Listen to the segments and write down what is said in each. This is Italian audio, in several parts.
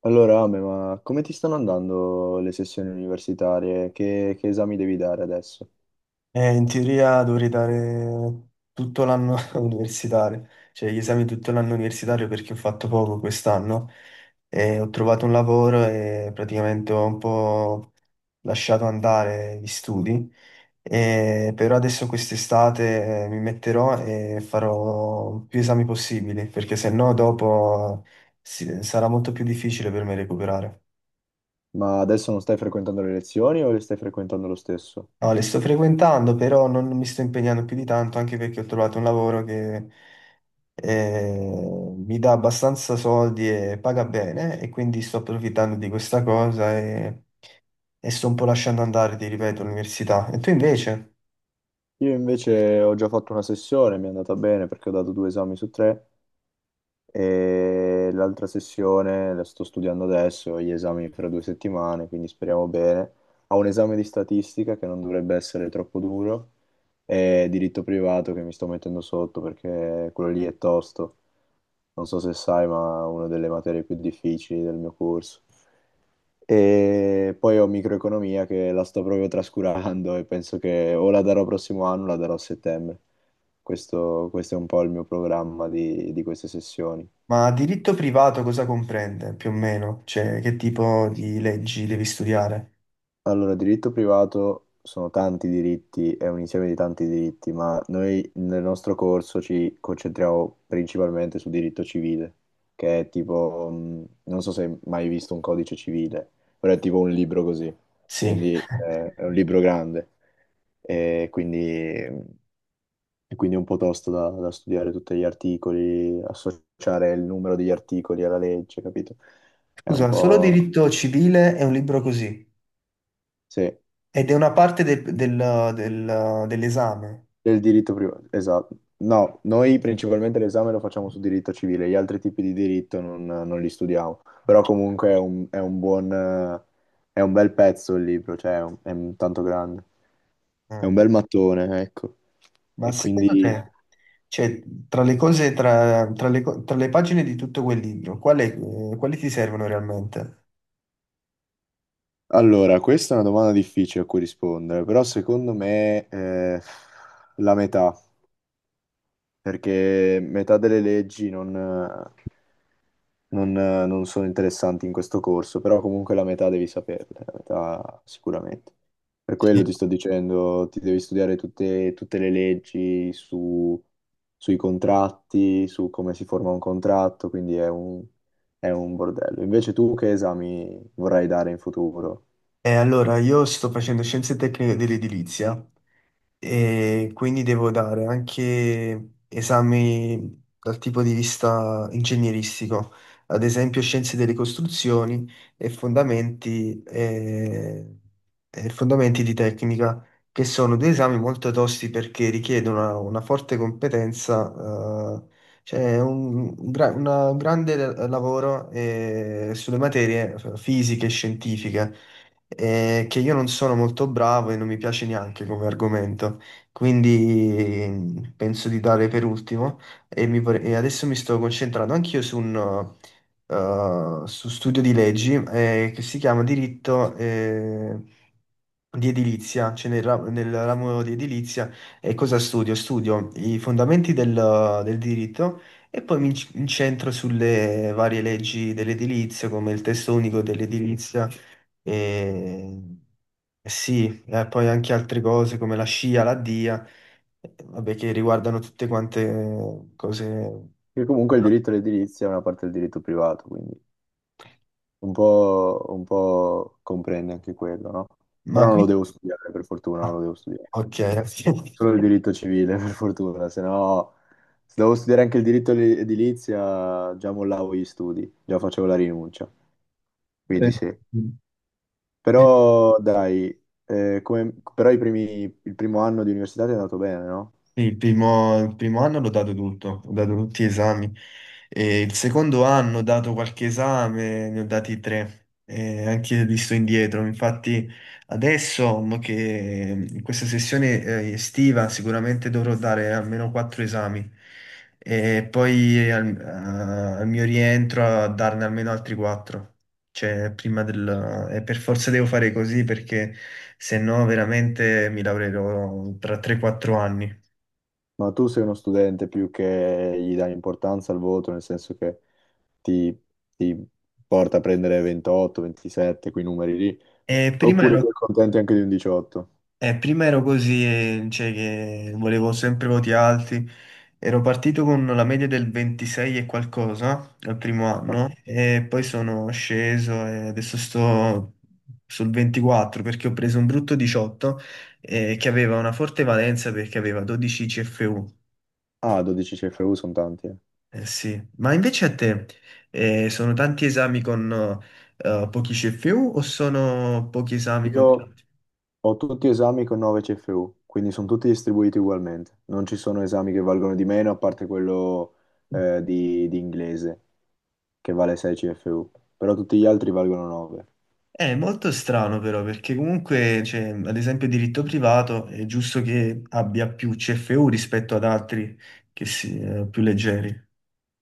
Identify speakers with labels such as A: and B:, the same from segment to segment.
A: Allora, Ame, ma come ti stanno andando le sessioni universitarie? Che esami devi dare adesso?
B: In teoria dovrei dare tutto l'anno universitario, cioè gli esami tutto l'anno universitario perché ho fatto poco quest'anno e ho trovato un lavoro e praticamente ho un po' lasciato andare gli studi, e però adesso quest'estate mi metterò e farò più esami possibili perché se no dopo sarà molto più difficile per me recuperare.
A: Ma adesso non stai frequentando le lezioni o le stai frequentando lo stesso?
B: No, le sto frequentando, però non mi sto impegnando più di tanto, anche perché ho trovato un lavoro che mi dà abbastanza soldi e paga bene, e quindi sto approfittando di questa cosa e sto un po' lasciando andare, ti ripeto, l'università. E tu invece?
A: Io invece ho già fatto una sessione, mi è andata bene perché ho dato due esami su tre. E l'altra sessione la sto studiando adesso, ho gli esami fra due settimane, quindi speriamo bene. Ho un esame di statistica che non dovrebbe essere troppo duro e diritto privato che mi sto mettendo sotto perché quello lì è tosto. Non so se sai, ma è una delle materie più difficili del mio corso. E poi ho microeconomia che la sto proprio trascurando e penso che o la darò prossimo anno o la darò a settembre. Questo è un po' il mio programma di queste sessioni.
B: Ma diritto privato cosa comprende più o meno? Cioè, che tipo di leggi devi studiare?
A: Allora, diritto privato sono tanti diritti, è un insieme di tanti diritti, ma noi nel nostro corso ci concentriamo principalmente su diritto civile, che è tipo, non so se hai mai visto un codice civile, però è tipo un libro così,
B: Sì.
A: quindi è un libro grande e quindi e quindi è un po' tosto da studiare tutti gli articoli, associare il numero degli articoli alla legge, capito? È un
B: Scusa, solo
A: po'...
B: diritto civile è un libro così,
A: Sì.
B: ed è una parte dell'esame.
A: Del diritto privato, esatto. No, noi principalmente l'esame lo facciamo su diritto civile, gli altri tipi di diritto non li studiamo, però comunque è un buon, è un bel pezzo il libro, cioè è un tanto grande, è un
B: Mm.
A: bel mattone, ecco.
B: Ma
A: E
B: secondo
A: quindi,
B: te, cioè, tra le cose, tra le pagine di tutto quel libro, quali ti servono realmente?
A: allora, questa è una domanda difficile a cui rispondere, però secondo me la metà, perché metà delle leggi non... non, non sono interessanti in questo corso, però comunque la metà devi saperle, la metà sicuramente. Per quello
B: Sì.
A: ti sto dicendo, ti devi studiare tutte le leggi su- sui contratti, su come si forma un contratto, quindi è un bordello. Invece tu che esami vorrai dare in futuro?
B: Allora, io sto facendo scienze tecniche dell'edilizia e quindi devo dare anche esami dal tipo di vista ingegneristico, ad esempio scienze delle costruzioni e fondamenti, eh, e fondamenti di tecnica, che sono due esami molto tosti perché richiedono una forte competenza, cioè un grande lavoro, sulle materie fisiche e scientifiche che io non sono molto bravo e non mi piace neanche come argomento, quindi penso di dare per ultimo e adesso mi sto concentrando anch'io su un su studio di leggi che si chiama Diritto, di edilizia, cioè nel ramo di edilizia, e cosa studio? Studio i fondamenti del diritto e poi incentro sulle varie leggi dell'edilizia, come il testo unico dell'edilizia, e e sì, e poi anche altre cose come la SCIA, la DIA, vabbè, che riguardano tutte quante cose.
A: Che comunque il diritto all'edilizia è una parte del diritto privato, quindi un po' comprende anche quello, no?
B: Ma
A: Però non lo
B: qui.
A: devo studiare, per fortuna non lo
B: Ah,
A: devo studiare.
B: ok.
A: Solo il diritto civile, per fortuna, se no se dovevo studiare anche il diritto li- edilizia già mollavo gli studi, già facevo la rinuncia, quindi sì.
B: Eh,
A: Però dai, come- però i primi- il primo anno di università ti è andato bene, no?
B: sì, il primo anno l'ho dato tutto, ho dato tutti gli esami. E il secondo anno ho dato qualche esame, ne ho dati tre, e anche lì sto indietro. Infatti adesso mo che in questa sessione estiva sicuramente dovrò dare almeno quattro esami e poi al mio rientro a darne almeno altri quattro. Cioè, e per forza devo fare così perché se no veramente mi lavorerò tra 3-4 anni.
A: Ma tu sei uno studente più che gli dai importanza al voto, nel senso che ti, ti porta a prendere 28, 27, quei numeri lì,
B: E prima
A: oppure ti
B: ero,
A: accontenti anche di un 18?
B: prima ero così, cioè che volevo sempre voti alti. Ero partito con la media del 26 e qualcosa al primo
A: Ah,
B: anno e poi sono sceso e adesso sto sul 24 perché ho preso un brutto 18 che aveva una forte valenza perché aveva 12 CFU.
A: ah, 12 CFU sono tanti, eh.
B: Eh sì, ma invece a te sono tanti esami con pochi CFU o sono pochi esami con
A: Io,
B: tanti?
A: ho tutti esami con 9 CFU, quindi sono tutti distribuiti ugualmente. Non ci sono esami che valgono di meno, a parte quello di inglese, che vale 6 CFU, però tutti gli altri valgono 9.
B: È molto strano però perché comunque, cioè, ad esempio, diritto privato è giusto che abbia più CFU rispetto ad altri che più leggeri.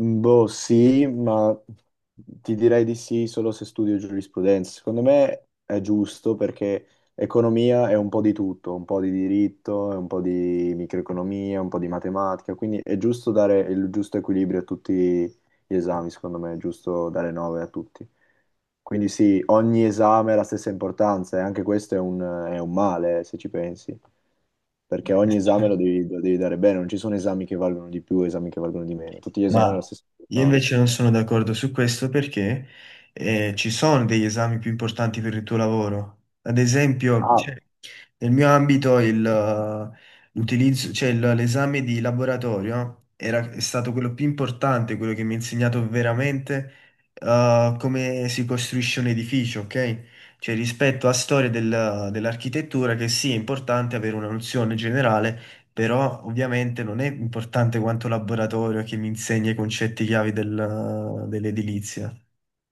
A: Mm, boh, sì, ma ti direi di sì solo se studio giurisprudenza. Secondo me è giusto perché economia è un po' di tutto, un po' di diritto, è un po' di microeconomia, un po' di matematica, quindi è giusto dare il giusto equilibrio a tutti gli esami, secondo me è giusto dare 9 a tutti. Quindi sì, ogni esame ha la stessa importanza e anche questo è un male, se ci pensi, perché ogni esame lo devi dare bene, non ci sono esami che valgono di più, esami che valgono di meno, tutti gli esami
B: Ma
A: hanno la stessa
B: io
A: importanza.
B: invece non sono d'accordo su questo perché ci sono degli esami più importanti per il tuo lavoro. Ad esempio,
A: Ah,
B: cioè, nel mio ambito il, l'utilizzo, cioè, il- l'esame di laboratorio è stato quello più importante, quello che mi ha insegnato veramente come si costruisce un edificio, ok? Cioè rispetto a storia dell'architettura che sì, è importante avere una nozione generale però ovviamente non è importante quanto laboratorio che mi insegni i concetti chiavi dell'edilizia.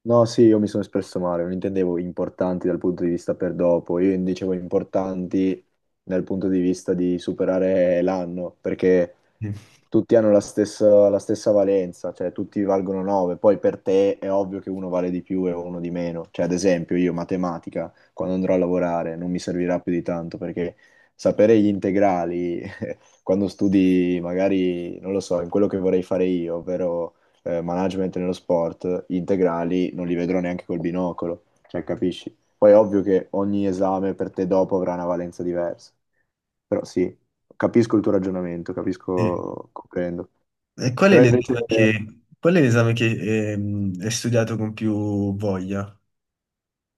A: no, sì, io mi sono espresso male, non intendevo importanti dal punto di vista per dopo, io dicevo importanti dal punto di vista di superare l'anno, perché
B: Mm.
A: tutti hanno la stessa valenza, cioè tutti valgono 9, poi per te è ovvio che uno vale di più e uno di meno, cioè ad esempio io matematica, quando andrò a lavorare, non mi servirà più di tanto, perché sapere gli integrali quando studi magari, non lo so, in quello che vorrei fare io, ovvero management nello sport, gli integrali non li vedrò neanche col binocolo, cioè capisci? Poi è ovvio che ogni esame per te dopo avrà una valenza diversa, però sì, capisco il tuo ragionamento,
B: E,
A: capisco, comprendo.
B: e
A: Però invece...
B: qual è l'esame che hai studiato con più voglia?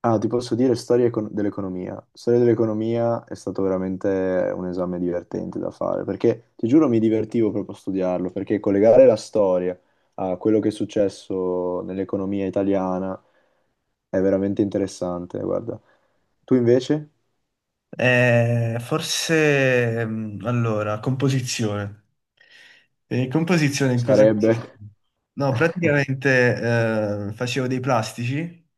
A: Ah, ti posso dire storia econ- dell'economia. Storia dell'economia è stato veramente un esame divertente da fare, perché ti giuro mi divertivo proprio a studiarlo, perché collegare la storia a quello che è successo nell'economia italiana è veramente interessante, guarda. Tu invece
B: Forse, allora, composizione. E composizione in cosa
A: sarebbe...
B: consiste? No, praticamente facevo dei plastici,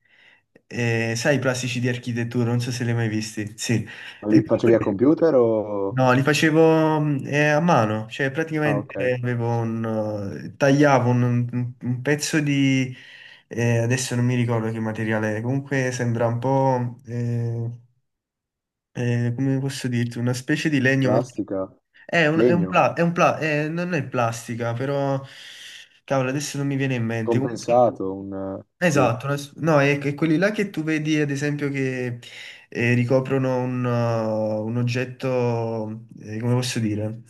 B: e sai i plastici di architettura, non so se li hai mai visti. Sì.
A: Ma li
B: E
A: facevi a
B: comunque
A: computer o...
B: No, li facevo a mano, cioè
A: Ah, ok.
B: praticamente avevo tagliavo un pezzo adesso non mi ricordo che materiale, comunque sembra un po', come posso dirti, una specie di legno molto.
A: Plastica, legno,
B: Non è plastica, però, cavolo, adesso non mi viene in mente. Comunque,
A: compensato, un... Sì,
B: esatto, no, è quelli là che tu vedi, ad esempio, che ricoprono un oggetto, come posso dire?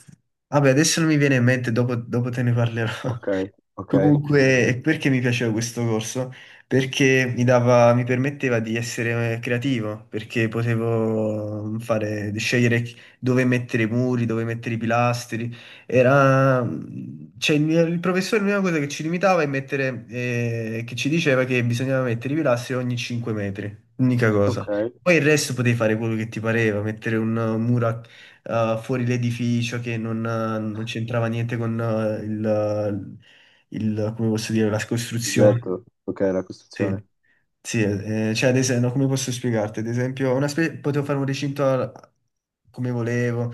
B: Vabbè, adesso non mi viene in mente, dopo te ne parlerò.
A: ok, ok,
B: Comunque, e perché mi piaceva questo corso? Perché mi permetteva di essere creativo, perché potevo di scegliere dove mettere i muri, dove mettere i pilastri. Cioè, il professore l'unica cosa che ci limitava è che ci diceva che bisognava mettere i pilastri ogni 5 metri, unica cosa.
A: ok.
B: Poi il resto potevi fare quello che ti pareva, mettere un muro a fuori l'edificio che non c'entrava niente con come posso dire, la costruzione.
A: Oggetto, ok, la
B: Sì,
A: costruzione.
B: sì, cioè, ad esempio, come posso spiegarti? Ad esempio, potevo fare un recinto come volevo,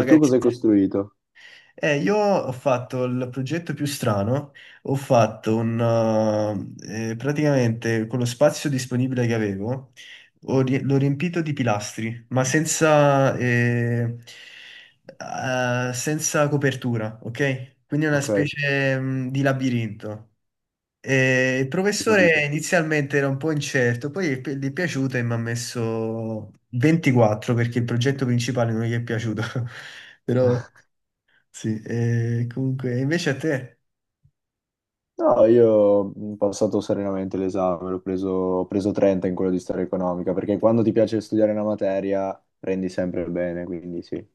A: E tu
B: Sì.
A: cosa hai costruito?
B: Io ho fatto il progetto più strano, ho fatto praticamente con lo spazio disponibile che avevo, l'ho riempito di pilastri, ma senza copertura, ok? Quindi è una
A: Ok, hai
B: specie, di labirinto. E il professore
A: capito.
B: inizialmente era un po' incerto, poi gli è piaciuto e mi ha messo 24 perché il progetto principale non gli è piaciuto. Però sì, e comunque, invece a te?
A: No, io ho passato serenamente l'esame, l'ho preso, ho preso 30 in quello di storia economica, perché quando ti piace studiare una materia prendi sempre il bene, quindi sì.